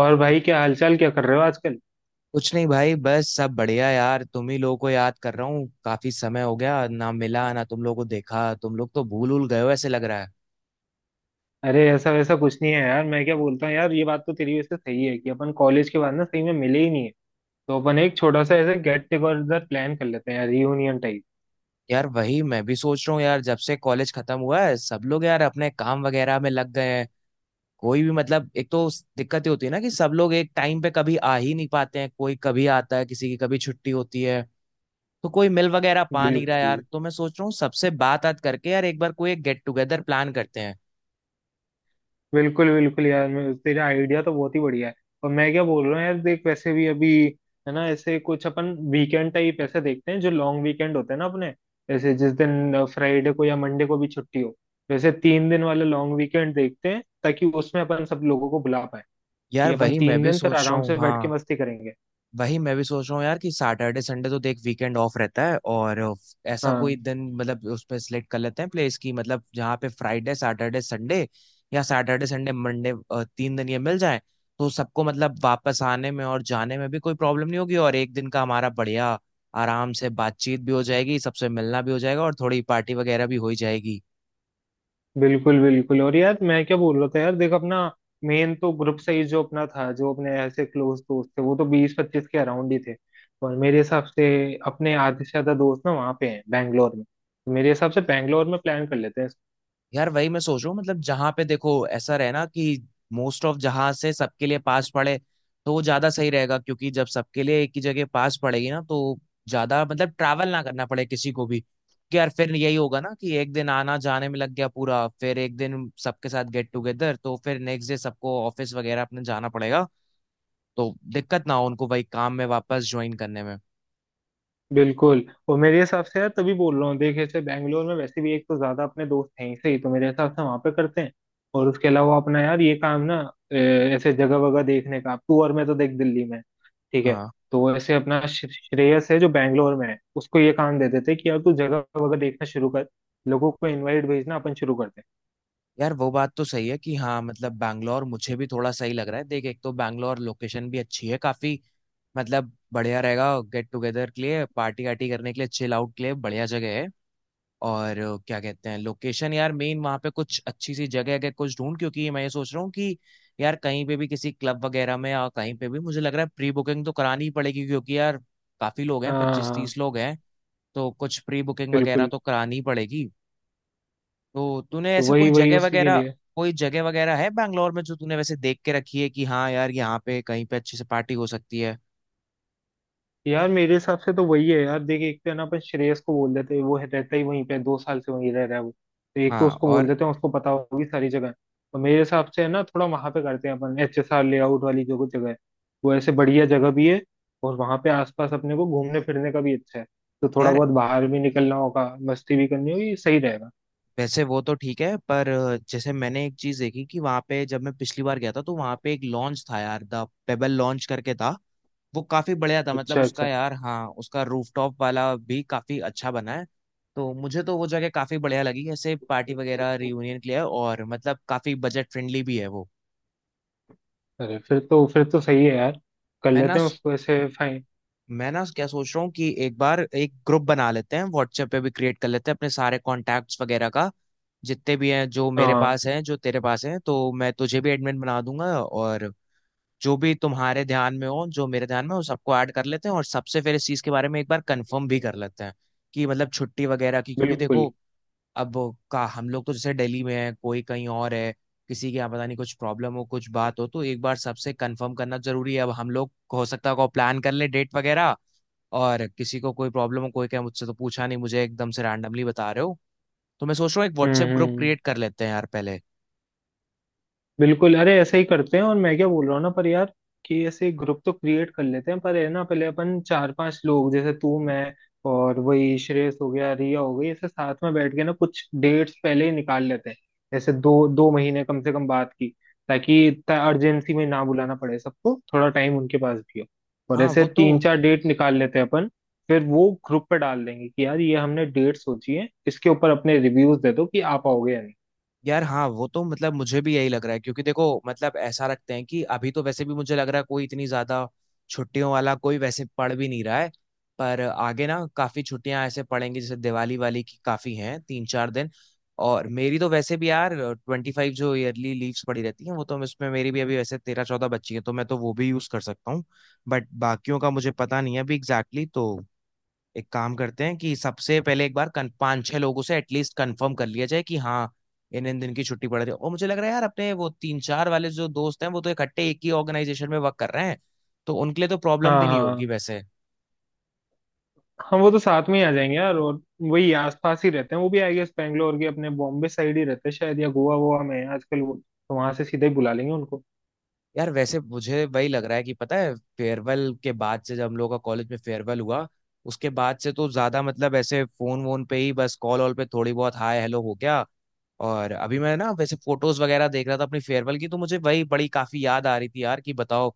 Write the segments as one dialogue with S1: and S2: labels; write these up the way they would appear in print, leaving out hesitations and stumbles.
S1: और भाई, क्या हालचाल, क्या कर रहे हो आजकल।
S2: कुछ नहीं भाई, बस सब बढ़िया यार। तुम ही लोगों को याद कर रहा हूँ, काफी समय हो गया, ना मिला ना तुम लोगों को देखा। तुम लोग तो भूल उल गए हो ऐसे लग रहा है।
S1: अरे ऐसा वैसा कुछ नहीं है यार। मैं क्या बोलता हूँ यार, ये बात तो तेरी वैसे सही है कि अपन कॉलेज के बाद ना सही में मिले ही नहीं है। तो अपन एक छोटा सा ऐसे गेट टुगेदर प्लान कर लेते हैं यार, रियूनियन टाइप।
S2: यार वही मैं भी सोच रहा हूँ यार, जब से कॉलेज खत्म हुआ है सब लोग यार अपने काम वगैरह में लग गए हैं। कोई भी मतलब, एक तो दिक्कत ये होती है ना कि सब लोग एक टाइम पे कभी आ ही नहीं पाते हैं। कोई कभी आता है, किसी की कभी छुट्टी होती है, तो कोई मिल वगैरह पा नहीं रहा यार।
S1: बिल्कुल
S2: तो मैं सोच रहा हूँ सबसे बात बात करके यार एक बार कोई एक गेट टुगेदर प्लान करते हैं।
S1: बिल्कुल बिल्कुल यार, मैं तेरा आइडिया तो बहुत ही बढ़िया है। और मैं क्या बोल रहा हूँ यार, देख वैसे भी अभी है ना, ऐसे कुछ अपन वीकेंड टाइप ऐसे देखते हैं, जो लॉन्ग वीकेंड होते हैं ना अपने, जैसे जिस दिन फ्राइडे को या मंडे को भी छुट्टी हो। वैसे तीन दिन वाले लॉन्ग वीकेंड देखते हैं, ताकि उसमें अपन सब लोगों को बुला पाए, कि
S2: यार
S1: अपन
S2: वही मैं
S1: तीन
S2: भी
S1: दिन फिर
S2: सोच रहा
S1: आराम
S2: हूँ,
S1: से बैठ के
S2: हाँ।
S1: मस्ती करेंगे।
S2: वही मैं भी सोच रहा हूँ यार, कि सैटरडे संडे तो देख वीकेंड ऑफ रहता है और ऐसा कोई
S1: हाँ,
S2: दिन, मतलब उस पर सिलेक्ट कर लेते हैं प्लेस की, मतलब जहाँ पे फ्राइडे सैटरडे संडे या सैटरडे संडे मंडे तीन दिन ये मिल जाए। तो सबको मतलब वापस आने में और जाने में भी कोई प्रॉब्लम नहीं होगी, और एक दिन का हमारा बढ़िया आराम से बातचीत भी हो जाएगी, सबसे मिलना भी हो जाएगा और थोड़ी पार्टी वगैरह भी हो ही जाएगी।
S1: बिल्कुल बिल्कुल। और यार मैं क्या बोल रहा था यार, देख अपना मेन तो ग्रुप सही, जो अपना था, जो अपने ऐसे क्लोज दोस्त थे वो तो 20-25 के अराउंड ही थे। और मेरे हिसाब से अपने आधे से ज्यादा दोस्त ना वहाँ पे हैं बैंगलोर में, तो मेरे हिसाब से बैंगलोर में प्लान कर लेते हैं।
S2: यार वही मैं सोच रहा हूँ, मतलब जहां पे देखो ऐसा रहे ना कि मोस्ट ऑफ जहां से सबके लिए पास पड़े, तो वो ज्यादा सही रहेगा। क्योंकि जब सबके लिए एक ही जगह पास पड़ेगी ना, तो ज्यादा मतलब ट्रैवल ना करना पड़े किसी को भी। कि यार फिर यही होगा ना कि एक दिन आना जाने में लग गया पूरा, फिर एक दिन सबके साथ गेट टुगेदर, तो फिर नेक्स्ट डे सबको ऑफिस वगैरह अपने जाना पड़ेगा। तो दिक्कत ना हो उनको वही काम में वापस ज्वाइन करने में।
S1: बिल्कुल, और मेरे हिसाब से यार, तभी बोल रहा हूँ, देख ऐसे बैंगलोर में वैसे भी एक तो ज्यादा अपने दोस्त हैं ही, सही तो मेरे हिसाब से वहां पे करते हैं। और उसके अलावा अपना यार ये काम ना, ऐसे जगह वगह देखने का, तू और मैं तो देख दिल्ली में है, ठीक है।
S2: हाँ।
S1: तो ऐसे अपना श्रेयस है, जो बैंगलोर में है, उसको ये काम दे देते कि यार तू जगह वगह देखना शुरू कर, लोगों को इनवाइट भेजना अपन शुरू करते हैं।
S2: यार वो बात तो सही है कि, हाँ मतलब बैंगलोर मुझे भी थोड़ा सही लग रहा है। देख, एक तो बैंगलोर लोकेशन भी अच्छी है काफी, मतलब बढ़िया रहेगा गेट टुगेदर के लिए, पार्टी वार्टी करने के लिए, चिल आउट के लिए बढ़िया जगह है। और क्या कहते हैं लोकेशन यार मेन, वहां पे कुछ अच्छी सी जगह अगर कुछ ढूंढ, क्योंकि मैं ये सोच रहा हूँ कि यार कहीं पे भी किसी क्लब वगैरह में या कहीं पे भी मुझे लग रहा है प्री बुकिंग तो करानी ही पड़ेगी, क्योंकि यार काफी लोग हैं,
S1: हाँ
S2: पच्चीस
S1: हाँ,
S2: तीस लोग हैं। तो कुछ प्री बुकिंग वगैरह
S1: बिल्कुल।
S2: तो करानी ही पड़ेगी। तो तूने
S1: तो
S2: ऐसे
S1: वही
S2: कोई
S1: वही
S2: जगह
S1: उसी के
S2: वगैरह,
S1: लिए।
S2: कोई जगह वगैरह है बैंगलोर में जो तूने वैसे देख के रखी है कि हाँ यार यहाँ पे कहीं पे अच्छी से पार्टी हो सकती है?
S1: यार मेरे हिसाब से तो वही है यार, देख एक तो है ना, अपन श्रेयस को बोल देते हैं, वो रहता ही वहीं पे, 2 साल से वहीं रह रहा है वो तो, एक तो
S2: हाँ
S1: उसको बोल
S2: और।
S1: देते हैं, उसको पता होगी सारी जगह। तो मेरे हिसाब से है ना, थोड़ा वहां पे करते हैं अपन, HSR लेआउट वाली जो जगह है, वो ऐसे बढ़िया जगह भी है और वहां पे आसपास अपने को घूमने फिरने का भी अच्छा है। तो थोड़ा
S2: यार
S1: बहुत बाहर भी निकलना होगा, मस्ती भी करनी होगी, सही रहेगा।
S2: वैसे वो तो ठीक है, पर जैसे मैंने एक चीज देखी कि वहां पे जब मैं पिछली बार गया था तो वहां पे एक लॉन्च था यार, द पेबल लॉन्च करके था। वो काफी बढ़िया था, मतलब
S1: अच्छा
S2: उसका
S1: अच्छा।
S2: यार, हाँ उसका रूफटॉप वाला भी काफी अच्छा बना है। तो मुझे तो वो जगह काफी बढ़िया लगी, ऐसे पार्टी वगैरह रियूनियन के लिए, और मतलब काफी बजट फ्रेंडली भी है वो।
S1: अरे फिर तो सही है यार, कर
S2: मैं ना
S1: लेते हैं उसको ऐसे, फाइन।
S2: मैं ना क्या सोच रहा हूँ कि एक बार एक ग्रुप बना लेते हैं, व्हाट्सएप पे भी क्रिएट कर लेते हैं अपने सारे कॉन्टैक्ट्स वगैरह का। जितने भी हैं, जो मेरे
S1: हाँ।
S2: पास हैं जो तेरे पास हैं, तो मैं तुझे भी एडमिन बना दूंगा। और जो भी तुम्हारे ध्यान में हो जो मेरे ध्यान में हो सबको ऐड कर लेते हैं, और सबसे फिर इस चीज़ के बारे में एक बार कंफर्म भी कर लेते हैं कि मतलब छुट्टी वगैरह की, क्योंकि
S1: बिल्कुल।
S2: देखो अब वो का, हम लोग तो जैसे दिल्ली में है, कोई कहीं और है, किसी के यहाँ पता नहीं कुछ प्रॉब्लम हो कुछ बात हो, तो एक बार सबसे कंफर्म करना जरूरी है। अब हम लोग हो सकता है को प्लान कर ले डेट वगैरह, और किसी को कोई प्रॉब्लम हो, कोई क्या मुझसे तो पूछा नहीं, मुझे एकदम से रैंडमली बता रहे हो। तो मैं सोच रहा हूँ एक
S1: hmm
S2: WhatsApp
S1: hmm
S2: group
S1: hmm.
S2: Create कर लेते हैं यार पहले।
S1: बिल्कुल, अरे ऐसे ही करते हैं। और मैं क्या बोल रहा हूँ ना पर यार, कि ऐसे ग्रुप तो क्रिएट कर लेते हैं, पर है ना, पहले अपन चार पांच लोग, जैसे तू मैं और वही श्रेयस हो गया, रिया हो गई, ऐसे साथ में बैठ के ना कुछ डेट्स पहले ही निकाल लेते हैं, जैसे 2-2 महीने कम से कम बात की, ताकि इतना अर्जेंसी में ना बुलाना पड़े सबको, थोड़ा टाइम उनके पास भी हो। और
S2: हाँ
S1: ऐसे
S2: वो
S1: तीन
S2: तो
S1: चार डेट निकाल लेते हैं अपन, फिर वो ग्रुप पे डाल देंगे कि यार ये हमने डेट सोची है, इसके ऊपर अपने रिव्यूज दे दो कि आ पाओगे या नहीं।
S2: हाँ वो तो मतलब मुझे भी यही लग रहा है, क्योंकि देखो मतलब ऐसा रखते हैं कि अभी तो वैसे भी मुझे लग रहा है कोई इतनी ज्यादा छुट्टियों वाला कोई वैसे पढ़ भी नहीं रहा है। पर आगे ना काफी छुट्टियां ऐसे पड़ेंगी, जैसे दिवाली वाली की काफी हैं तीन चार दिन। और मेरी तो वैसे भी यार 25 जो ईयरली लीव्स पड़ी रहती हैं, वो तो उसमें मेरी भी अभी वैसे 13-14 बच्ची है, तो मैं तो वो भी यूज कर सकता हूँ। बट बाकियों का मुझे पता नहीं है अभी एग्जैक्टली, तो एक काम करते हैं कि सबसे पहले एक बार पांच छह लोगों से एटलीस्ट कंफर्म कर लिया जाए कि हाँ, इन इन दिन की छुट्टी पड़ रही है। और मुझे लग रहा है यार अपने वो तीन चार वाले जो दोस्त हैं वो तो इकट्ठे एक ही ऑर्गेनाइजेशन में वर्क कर रहे हैं, तो उनके लिए तो प्रॉब्लम
S1: हाँ
S2: भी नहीं होगी
S1: हाँ।
S2: वैसे।
S1: हाँ, वो तो साथ में ही आ जाएंगे यार, और वही आसपास ही रहते हैं वो भी, आई गेस बैंगलोर के अपने बॉम्बे साइड ही रहते हैं शायद, या गोवा वोवा में हैं आजकल वो, तो वहां से सीधे ही बुला लेंगे उनको।
S2: यार वैसे मुझे वही लग रहा है कि पता है, फेयरवेल के बाद से, जब हम लोगों का कॉलेज में फेयरवेल हुआ उसके बाद से तो ज्यादा मतलब ऐसे फोन वोन पे ही बस, कॉल वॉल पे थोड़ी बहुत हाय हेलो हो गया। और अभी मैं ना वैसे फोटोज वगैरह देख रहा था अपनी फेयरवेल की, तो मुझे वही बड़ी काफी याद आ रही थी यार कि बताओ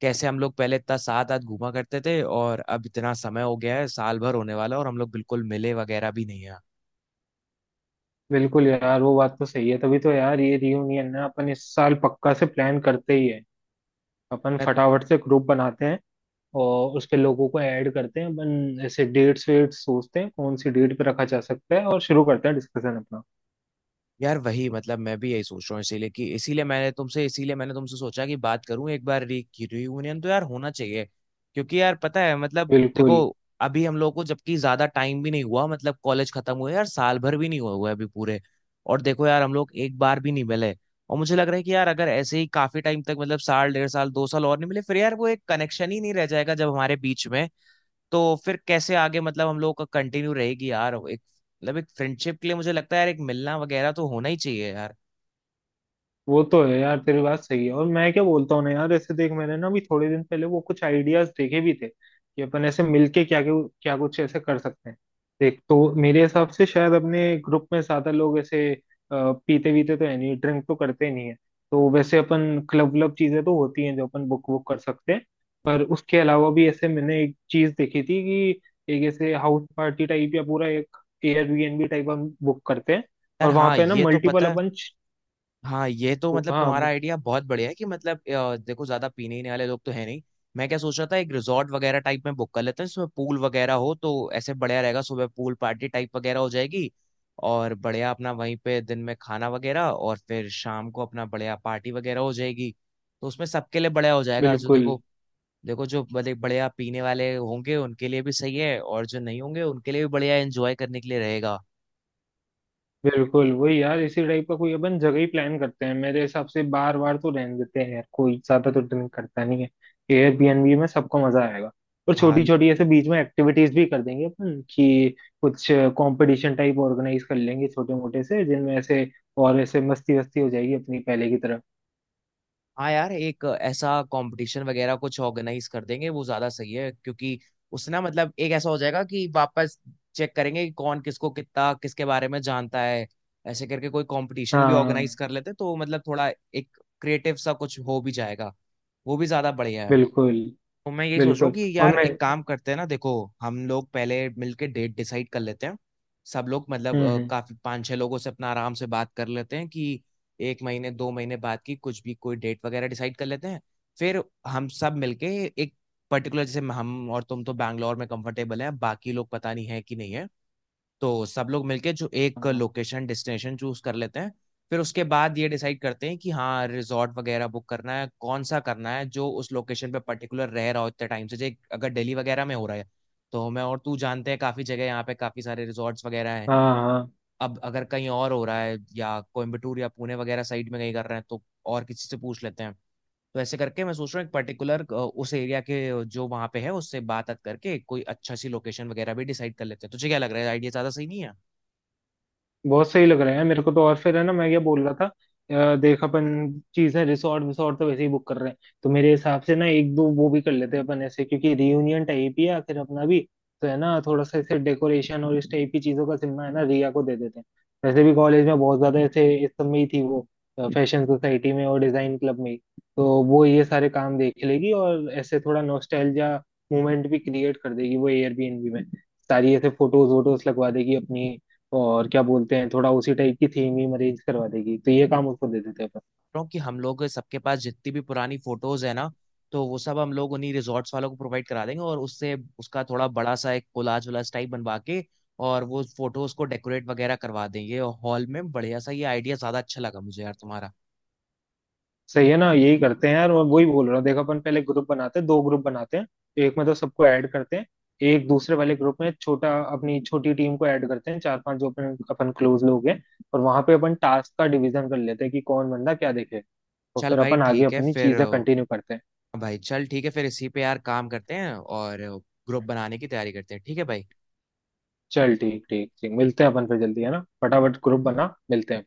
S2: कैसे हम लोग पहले इतना साथ साथ घूमा करते थे, और अब इतना समय हो गया है, साल भर होने वाला है और हम लोग बिल्कुल मिले वगैरह भी नहीं है।
S1: बिल्कुल यार, वो बात तो सही है, तभी तो यार ये रियूनियन ना अपन इस साल पक्का से प्लान करते ही है। अपन फटाफट से ग्रुप बनाते हैं और उस पे लोगों को ऐड करते हैं अपन, ऐसे डेट्स वेट्स सोचते हैं कौन सी डेट पे रखा जा सकता है, और शुरू करते हैं डिस्कशन अपना।
S2: यार वही मतलब मैं भी यही सोच रहा हूँ, इसीलिए कि इसीलिए मैंने तुमसे सोचा कि बात करूं एक बार, रियूनियन तो यार होना चाहिए। क्योंकि यार पता है मतलब, देखो
S1: बिल्कुल।
S2: अभी हम लोग को जबकि ज्यादा टाइम भी नहीं हुआ, मतलब कॉलेज खत्म हुए यार साल भर भी नहीं हुआ हुआ है अभी पूरे। और देखो यार हम लोग एक बार भी नहीं मिले। और मुझे लग रहा है कि यार अगर ऐसे ही काफी टाइम तक, मतलब साल डेढ़ साल दो साल और नहीं मिले, फिर यार वो एक कनेक्शन ही नहीं रह जाएगा जब हमारे बीच में। तो फिर कैसे आगे मतलब हम लोग का कंटिन्यू रहेगी यार एक, मतलब एक फ्रेंडशिप के लिए मुझे लगता है यार एक मिलना वगैरह तो होना ही चाहिए यार।
S1: वो तो है यार, तेरी बात सही है। और मैं क्या बोलता हूँ ना यार, ऐसे देख मैंने ना अभी थोड़े दिन पहले वो कुछ आइडियाज देखे भी थे कि अपन ऐसे मिलके क्या क्या कुछ ऐसे कर सकते हैं। देख, तो मेरे हिसाब से शायद अपने ग्रुप में ज्यादा लोग ऐसे पीते वीते तो है नहीं, ड्रिंक तो करते नहीं है। तो वैसे अपन क्लब व्लब चीजें तो होती हैं, जो अपन बुक वुक कर सकते हैं, पर उसके अलावा भी ऐसे मैंने एक चीज देखी थी कि एक ऐसे हाउस पार्टी टाइप या पूरा एक एयरबीएनबी टाइप हम बुक करते हैं,
S2: यार
S1: और वहां
S2: हाँ
S1: पे ना
S2: ये तो पता
S1: मल्टीपल
S2: है।
S1: अपन।
S2: हाँ ये तो, मतलब तुम्हारा
S1: हाँ,
S2: आइडिया बहुत बढ़िया है, कि मतलब देखो ज्यादा पीने ही वाले लोग तो है नहीं। मैं क्या सोच रहा था, एक रिजॉर्ट वगैरह टाइप में बुक कर लेते हैं जिसमें पूल वगैरह हो, तो ऐसे बढ़िया रहेगा, सुबह पूल पार्टी टाइप वगैरह हो जाएगी, और बढ़िया अपना वहीं पे दिन में खाना वगैरह, और फिर शाम को अपना बढ़िया पार्टी वगैरह हो जाएगी। तो उसमें सबके लिए बढ़िया हो जाएगा, जो
S1: बिल्कुल।
S2: देखो, देखो जो मतलब बढ़िया पीने वाले होंगे उनके लिए भी सही है, और जो नहीं होंगे उनके लिए भी बढ़िया एंजॉय करने के लिए रहेगा।
S1: बिल्कुल वही यार, इसी टाइप का कोई अपन जगह ही प्लान करते हैं, मेरे हिसाब से बार बार तो रहने देते हैं यार, कोई ज्यादा तो ड्रिंक करता नहीं है। एयरबीएनबी में सबको मजा आएगा। और छोटी
S2: हाँ।
S1: छोटी ऐसे बीच में एक्टिविटीज भी कर देंगे अपन, कि कुछ कंपटीशन टाइप ऑर्गेनाइज कर लेंगे छोटे मोटे से, जिनमें ऐसे और ऐसे मस्ती वस्ती हो जाएगी अपनी पहले की तरह।
S2: हाँ यार, एक ऐसा कंपटीशन वगैरह कुछ ऑर्गेनाइज कर देंगे, वो ज्यादा सही है। क्योंकि उससे ना मतलब एक ऐसा हो जाएगा कि वापस चेक करेंगे कि कौन किसको कितना किसके बारे में जानता है। ऐसे करके कोई कंपटीशन भी ऑर्गेनाइज
S1: हाँ,
S2: कर लेते, तो मतलब थोड़ा एक क्रिएटिव सा कुछ हो भी जाएगा, वो भी ज्यादा बढ़िया है।
S1: बिल्कुल
S2: तो मैं यही सोच रहा हूँ
S1: बिल्कुल।
S2: कि यार
S1: और मैं।
S2: एक काम करते हैं ना, देखो हम लोग पहले मिलके डेट डिसाइड कर लेते हैं। सब लोग मतलब
S1: हम्म।
S2: काफी पांच छह लोगों से अपना आराम से बात कर लेते हैं कि एक महीने दो महीने बाद की कुछ भी कोई डेट वगैरह डिसाइड कर लेते हैं। फिर हम सब मिलके एक पर्टिकुलर, जैसे हम और तुम तो बैंगलोर में कंफर्टेबल हैं, बाकी लोग पता नहीं है कि नहीं है, तो सब लोग मिलके जो एक
S1: हाँ
S2: लोकेशन डेस्टिनेशन चूज कर लेते हैं। फिर उसके बाद ये डिसाइड करते हैं कि हाँ रिजॉर्ट वगैरह बुक करना है, कौन सा करना है, जो उस लोकेशन पे पर्टिकुलर रह रहा हो इतने टाइम से। जे अगर दिल्ली वगैरह में हो रहा है, तो मैं और तू जानते हैं काफी जगह यहाँ पे, काफी सारे रिजॉर्ट्स वगैरह हैं।
S1: हाँ हाँ,
S2: अब अगर कहीं और हो रहा है, या कोयम्बटूर या पुणे वगैरह साइड में कहीं कर रहे हैं, तो और किसी से पूछ लेते हैं। तो ऐसे करके मैं सोच रहा हूँ एक पर्टिकुलर उस एरिया के जो वहां पे है उससे बात बात करके कोई अच्छा सी लोकेशन वगैरह भी डिसाइड कर लेते हैं। तुझे क्या लग रहा है, आइडिया ज्यादा सही नहीं है?
S1: बहुत सही लग रहे हैं मेरे को तो। और फिर है ना, मैं ये बोल रहा था, देख अपन चीजें रिसोर्ट विसोर्ट तो वैसे ही बुक कर रहे हैं, तो मेरे हिसाब से ना एक दो वो भी कर लेते हैं अपन ऐसे, क्योंकि रियूनियन टाइप ही है आखिर अपना भी, तो है ना थोड़ा सा ऐसे डेकोरेशन और इस टाइप की चीजों का जिम्मा है ना रिया को दे देते हैं। वैसे भी कॉलेज में बहुत ज्यादा ऐसे इस सब में ही थी वो, फैशन सोसाइटी में और डिजाइन क्लब में ही। तो वो ये सारे काम देख लेगी, और ऐसे थोड़ा नॉस्टैल्जिया मोमेंट भी क्रिएट कर देगी वो एयरबीएनबी में, सारी ऐसे फोटोज वोटोज लगवा देगी अपनी, और क्या बोलते हैं थोड़ा उसी टाइप की थीम ही अरेंज करवा देगी, तो ये काम उसको दे देते हैं अपन।
S2: रहा हूँ कि हम लोग सबके पास जितनी भी पुरानी फोटोज है ना, तो वो सब हम लोग उन्हीं रिजॉर्ट्स वालों को प्रोवाइड करा देंगे, और उससे उसका थोड़ा बड़ा सा एक कोलाज वोलाज टाइप बनवा के और वो फोटोज को डेकोरेट वगैरह करवा देंगे, और हॉल में बढ़िया सा, ये आइडिया ज्यादा अच्छा लगा मुझे यार तुम्हारा।
S1: सही है ना, यही करते हैं यार, मैं वही बोल रहा हूँ, देख अपन पहले ग्रुप बनाते हैं, दो ग्रुप बनाते हैं। एक में तो सबको ऐड करते हैं, एक दूसरे वाले ग्रुप में छोटा अपनी छोटी टीम को ऐड करते हैं, चार पांच जो अपन अपन क्लोज लोग हैं। और वहां पे अपन टास्क का डिवीजन कर लेते हैं कि कौन बंदा क्या देखे, तो
S2: चल
S1: फिर
S2: भाई
S1: अपन आगे
S2: ठीक है
S1: अपनी
S2: फिर।
S1: चीजें कंटिन्यू करते हैं।
S2: भाई चल ठीक है फिर, इसी पे यार काम करते हैं, और ग्रुप बनाने की तैयारी करते हैं, ठीक है भाई।
S1: चल ठीक ठीक ठीक, मिलते हैं अपन फिर जल्दी है ना, फटाफट ग्रुप बना, मिलते हैं।